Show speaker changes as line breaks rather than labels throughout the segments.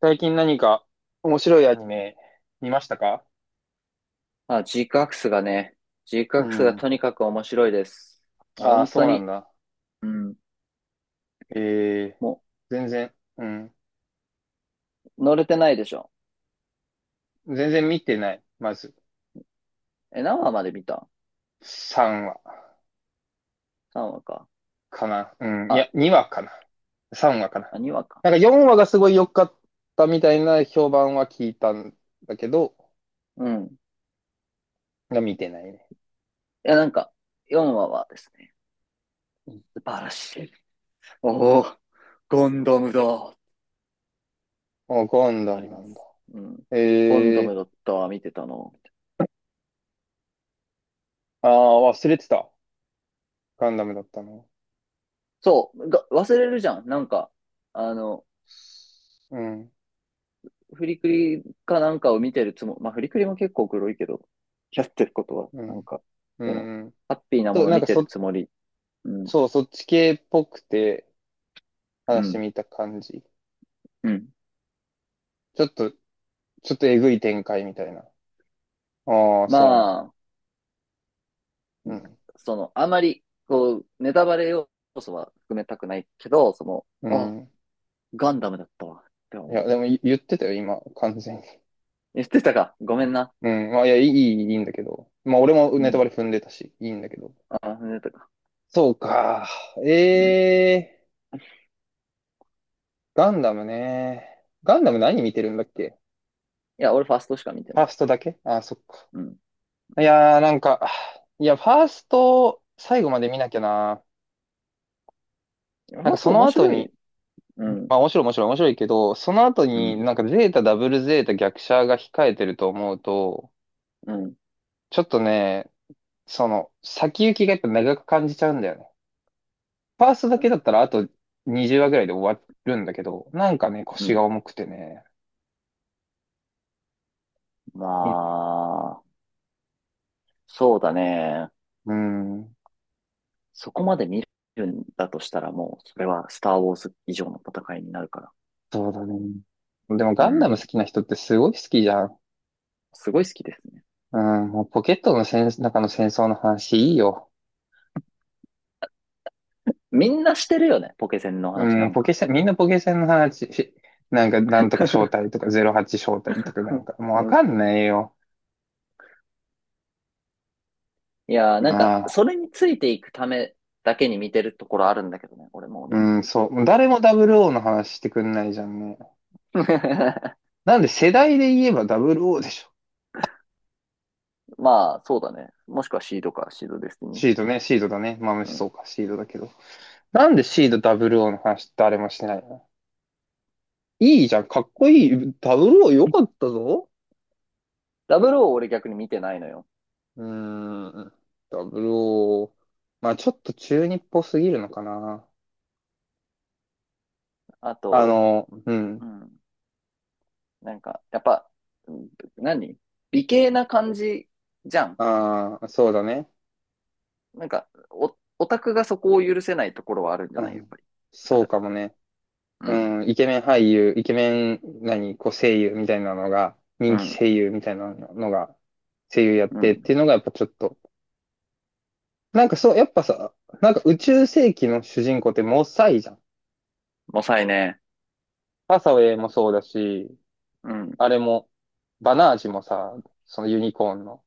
最近何か面白いアニメ見ましたか？
あ、ジークア
う
クスが
ん。
とにかく面白いです。
ああ、
本
そ
当
うな
に。
んだ。
うん。
ええ、
も
全然、うん。
う、乗れてないでしょ。
全然見てない。まず、
え、何話まで見た？
3話
3 話か。
かな。うん。い
あ、
や、2話かな。3話かな。
2話か。
なんか4話がすごい良かったみたいな評判は聞いたんだけど、
うん。い
が見てないね。
や、なんか、4話はですね、素晴らしい。おお、ゴンドムだ。
あ、ガンダ
あり
ムな
ま
んだ。
す。うん。ゴンド
え
ム
え、
だったわ、見てたの。
ああ、忘れてた。ガンダムだったの。
そう、忘れるじゃん。なんか、あの、
うん、
フリクリかなんかを見てるつもり、まあ、フリクリも結構黒いけど、やってることは、
う
なん
ん、
か、
う
でも、
ん、うん。
ハッピーな
そ
も
う、
の
なん
見
か
てる
そ、
つもり。うん、
そう、そっち系っぽくて、
う
話
ん、
見た感じ。
うん。
ちょっとえぐい展開みたいな。ああ、そ
まあ、
うなんだ。
その、あまり、こう、ネタバレ要素は含めたくないけど、その、
う
あ、
ん。うん。
ガンダムだったわ、って
い
思
や、
う。
でもい言ってたよ、今、完全に。
言ってたか。ごめんな。
うん。まあ、いや、いいんだけど。まあ、俺も
う
ネタ
ん。
バレ踏んでたし、いいんだけど。
あ、言ってたか。
そうか。
うん。い
ええー、ガンダムね。ガンダム何見てるんだっけ？
や、俺ファーストしか見て
フ
な
ァー
い。
ストだけ、ああ、そっか。
うん。う
い
ん。
やー、なんか、いや、ファースト、最後まで見なきゃな。
フ
な
ァ
ん
ー
か
スト
その
面
後
白い。
に、
う
ま
ん、
あ面白いけど、その後
う
に
ん、
なんかゼータダブルゼータ逆車が控えてると思うと、
うん、
ちょっとね、その先行きがやっぱ長く感じちゃうんだよね。ファーストだけだったらあと20話ぐらいで終わるんだけど、なんかね、
う
腰
ん。
が重くてね。う
まあ、そうだね。
ん、うん、
そこまで見るんだとしたらもう、それはスター・ウォーズ以上の戦いになるから。
そうだね。でも
う
ガンダム
ん。
好きな人ってすごい好きじゃん。
すごい好きですね。
うん、もうポケットの戦、中の戦争の話いいよ。
みんなしてるよね、ポケセンの話な
うん、
ん
ポ
か。
ケセン、みんなポケセンの話、し、なんか、なんとか招待とか、08招待とかなん か、もう
う
わ
ん。
かんないよ。
いやー、なんか、
ま
そ
あ、
れについていくためだけに見てるところあるんだけどね、俺もう
う
ね。
ん、そう。誰もダブルオーの話してくんないじゃんね。なんで世代で言えばダブルオーでしょ。
まあ、そうだね。もしくはシードか、シードデスティニー。
シードね、シードだね。まあ、む
う
し
ん。
そうか、シードだけど。なんでシードダブルオーの話誰もしてないの？いいじゃん、かっこいい。ダブルオー良かったぞ。
ダブルを俺逆に見てないのよ。
うーん、ダブルオー、まあ、ちょっと中二っぽすぎるのかな。
あ
あ
と、
の、う
う
ん。
ん。なんか、やっぱ、うん、何、美形な感じじゃん。
ああ、そうだね。
なんか、オタクがそこを許せないところはあるんじゃ
う
ないやっ
ん。
ぱり。
そうかもね。
うん、
うん。イケメン俳優、イケメン、何、こう声優みたいなのが、
う
人気
ん、
声優みたいなのが、声優やっ
う
てっ
ん。
ていうのがやっぱちょっと、やっぱさ、なんか宇宙世紀の主人公ってモサイじゃん。
もさいね。
ハサウェイもそうだし、
うん、
あれも、バナージもさ、そのユニコーンの、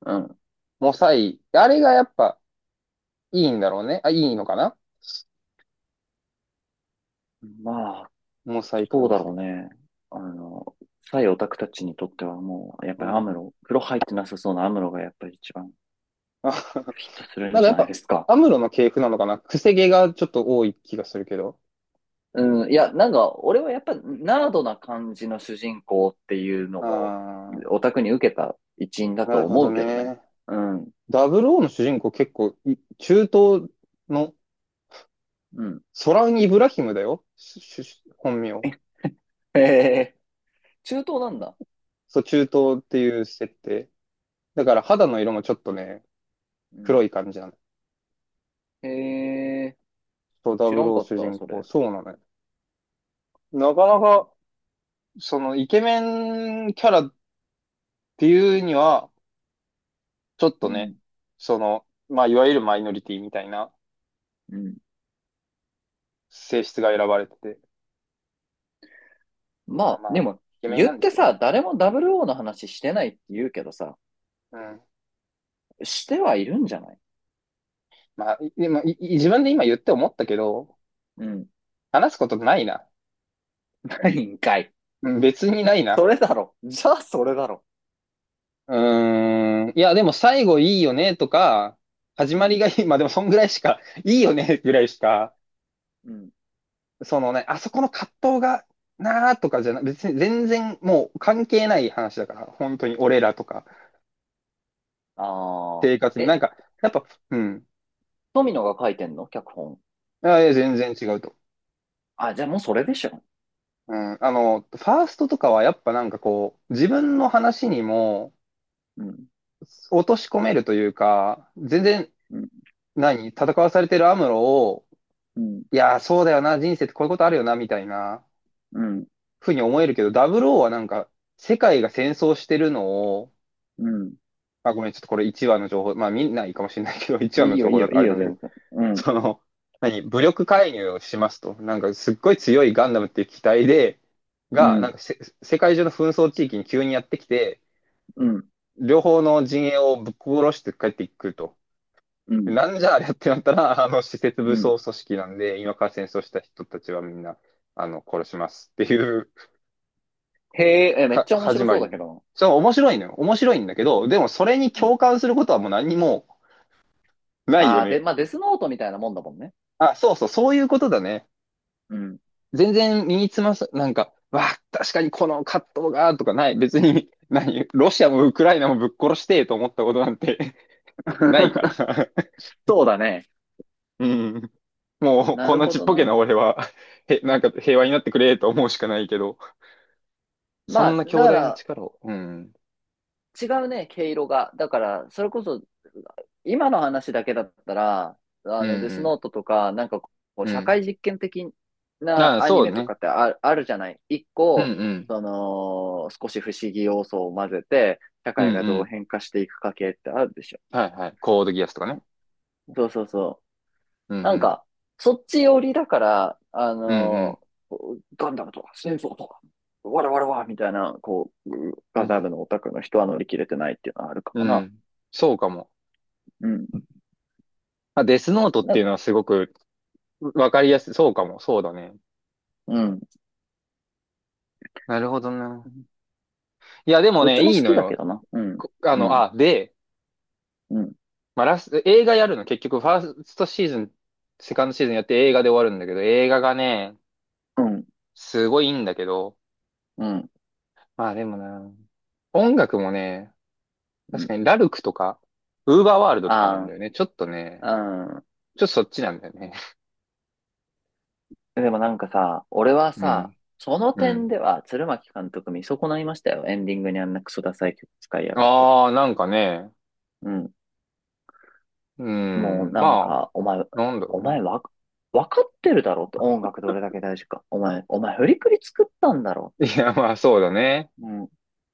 うん。
モサイ、あれがやっぱいいんだろうね。あ、いいのかな、
まあ、
モサイ
そう
感
だ
じ
ろう
が。
ね。あの、サイオタクたちにとってはもう、やっ
う
ぱりアム
ん。
ロ、風呂入ってなさそうなアムロがやっぱり一番ピッと するん
なんか
じ
やっ
ゃない
ぱ、
ですか。
アムロの系譜なのかな、癖毛がちょっと多い気がするけど。
うん、いや、なんか、俺はやっぱナードな感じの主人公っていうのも、
あ
オタクに受けた一因だ
あ、な
と
るほ
思
ど
うけどね。
ね。
うん、
00の主人公結構い、中東の、
うん。
ソランイブラヒムだよ。しし本名。
へえ、中東なんだ。
そう、中東っていう設定。だから肌の色もちょっとね、
うん。
黒い感じなの。
へえ、
そう、
知らん
00
かっ
主
た、
人
そ
公。
れ。
そうなのよ。なかなか、その、イケメンキャラっていうには、ちょっ
う
と
ん、
ね、その、まあ、いわゆるマイノリティみたいな
うん。
性質が選ばれてて、
ま
まあ
あ、
ま
で
あ、
も、
イケメン
言っ
なんで
て
すけど
さ、
も。
誰も 00 の話してないって言うけどさ、
うん。
してはいるんじゃない？
まあ、いでも、いい自分で今言って思ったけど、
うん。
話すことないな。
ないんかい。
うん、別にない
そ
な。
れだろ。じゃあ、それだろ。
うーん。いや、でも最後いいよねとか、始
う
まり
ん、
がいい。まあでもそんぐらいしか、いいよねぐらいしか、
うん。
そのね、あそこの葛藤がなーとかじゃな、別に全然もう関係ない話だから、本当に俺らとか
あ
生活
あ。
に。な
え、
んか、やっぱ、うん。
富野が書いてんの脚本。
いやいや、全然違うと。
あ、じゃあもうそれでしょ。
うん。あの、ファーストとかはやっぱなんかこう、自分の話にも、
うん、
落とし込めるというか、全然、
うん、
何、戦わされてるアムロを、
うん、
いやー、そうだよな、人生ってこういうことあるよな、みたいな、
うん、
ふうに思えるけど、00はなんか、世界が戦争してるのを、
うん。
まあ、ごめん、ちょっとこれ1話の情報、まあ見ないかもしれないけど、1話
い
の
いよ、
情
いい
報だ
よ、
か
い
ら
い
あれ
よ、
なんだけ
全
ど、
然。うん、
その、何、武力介入をしますと。なんか、すっごい強いガンダムっていう機体で、
う
が、な
ん、
んかせ、世界中の紛争地域に急にやってきて、
うん、
両方の陣営をぶっ殺して帰っていくと。
うん、
なんじゃあれってなったら、あの、施設武
うん。
装組織なんで、今から戦争した人たちはみんな、あの、殺しますっていう
へえ、めっ
か、
ちゃ面白
始ま
そう
り
だ
な
け
の。
どな。
そう、面白いのよ。面白いんだけど、でもそれに
うん。
共感することはもう何にもない
あ
よ
あ、で、
ね。
まあ、デスノートみたいなもんだもんね。
あ、そうそう、そういうことだね。
うん。
全然身につまさ、なんか、わあ、確かにこの葛藤が、とかない。別に、何、ロシアもウクライナもぶっ殺してと思ったことなんて ないから さ。
そうだね。
うん。もう、
な
こん
る
な
ほ
ちっ
ど
ぽけ
な。
な俺は、へ、なんか平和になってくれと思うしかないけど。そ
ま
ん
あ、
な
だ
強
か
大な
ら、
力を。うん。
違うね、毛色が。だから、それこそ、今の話だけだったら、あ
う
の、デス
ん
ノートとか、なんかこう、
うん。う
社
ん。
会実験的な
ああ、
アニ
そ
メ
う
とか
ね。
ってある、あるじゃない。一
う
個、
んうん。
その、少し不思議要素を混ぜて、社
うん
会がど
う
う
ん。
変化していくか系ってあるでしょ。
はいはい。コードギアスとかね。
そうそうそ
うんう
う。なん
ん。
か、そっち寄りだから、あ
うん
のガンダムとか、戦争とか、わらわらわみたいな、こう、
う
ガ
ん。う
ザー
ん。
ルのオタクの人は乗り切れてないっていうのはあるかも
う
な。
ん。そうかも。
うん。
まあ、デスノートっていうの
な、
はすごくわかりやすい。そうかも。そうだね。
うん。
なるほどな。いや、でも
どっち
ね、
も
い
好
い
き
の
だけ
よ。
どな。うん。
こあ
う
の、
ん。
あ、で、
うん。
まあ、ラス、映画やるの。結局、ファーストシーズン、セカンドシーズンやって映画で終わるんだけど、映画がね、
うん。
すごいいいんだけど、
うん。
まあでもな、音楽もね、
う
確
ん。
かに、ラルクとか、ウーバーワールドとかなん
あ
だよね。ちょっとね、
あ、
ちょっとそっちなんだよね。
うん。でもなんかさ、俺は
う
さ、
ん、
その
う
点
ん。
では鶴巻監督見損ないましたよ。エンディングにあんなクソダサい曲使いやがって。
ああ、なんかね、
うん。
う
もう
ん、
な
ま
ん
あ、
か、
なんだろ
お
うね。
前わ、わかってるだろって音楽どれだけ大事か。お前振りくり作ったんだろ。
いや、まあ、そうだね。
うん。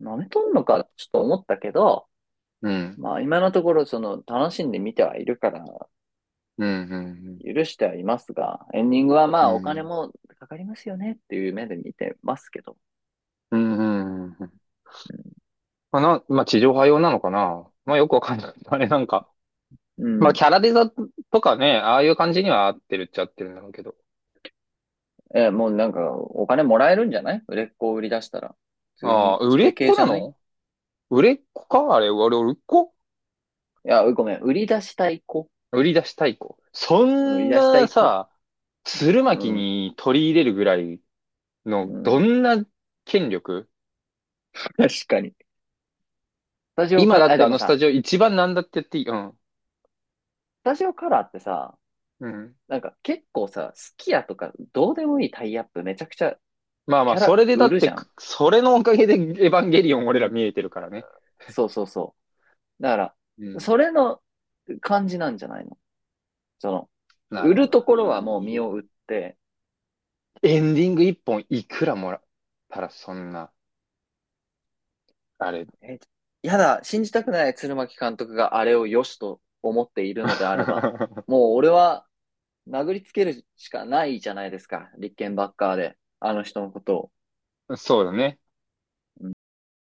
舐めとんのか、ちょっと思ったけど、
うん、
まあ今のところその楽しんで見てはいるから
うん、うん、
許してはいますが、エンディングはま
う
あお
ん、う
金
ん、
もかかりますよねっていう目で見てますけど。
うん、まあ、な、まあ、地上波用なのかな。まあ、よくわかんない。あれ、なんか。
う
まあ、
ん。
キャラデザとかね、ああいう感じには合ってるっちゃ合ってるんだろうけど。
え、もうなんかお金もらえるんじゃない売れっ子を売り出したら。普通
ああ、
に
売
そ
れ
れ
っ
系
子
じ
な
ゃない。い
の？売れっ子かあれ、俺、売れっ子、
や、ごめん。売り出したい子。
売り出したい子。そ
売り
ん
出した
な
い子。
さ、鶴
う
巻
ん。
に取り入れるぐらいの、
う
ど
ん。
んな権力、
確かに。スタジオカ
今
ラ
だ
ー、
っ
あ、
て
で
あ
も
のス
さ、
タジオ一番なんだって言っていい。うん。
スタジオカラーってさ、
うん。
なんか結構さ、スキヤとかどうでもいいタイアップめちゃくちゃ
まあま
キ
あ、
ャ
そ
ラ
れでだ
売
っ
るじ
て、
ゃん。
くそれのおかげでエヴァンゲリオン
う
俺ら
ん。
見えてるからね。
そうそうそう。だか
う
ら、
ん。
それの感じなんじゃないの。その、
な
売
るほ
る
ど。
とこ
い
ろはもう身
い。
を売って、
エンディング一本いくらもらったらそんな、あれ。
え、やだ、信じたくない鶴巻監督があれを良しと思っているのであれば、もう俺は殴りつけるしかないじゃないですか。立憲バッカーで、あの人のことを。
そうだね。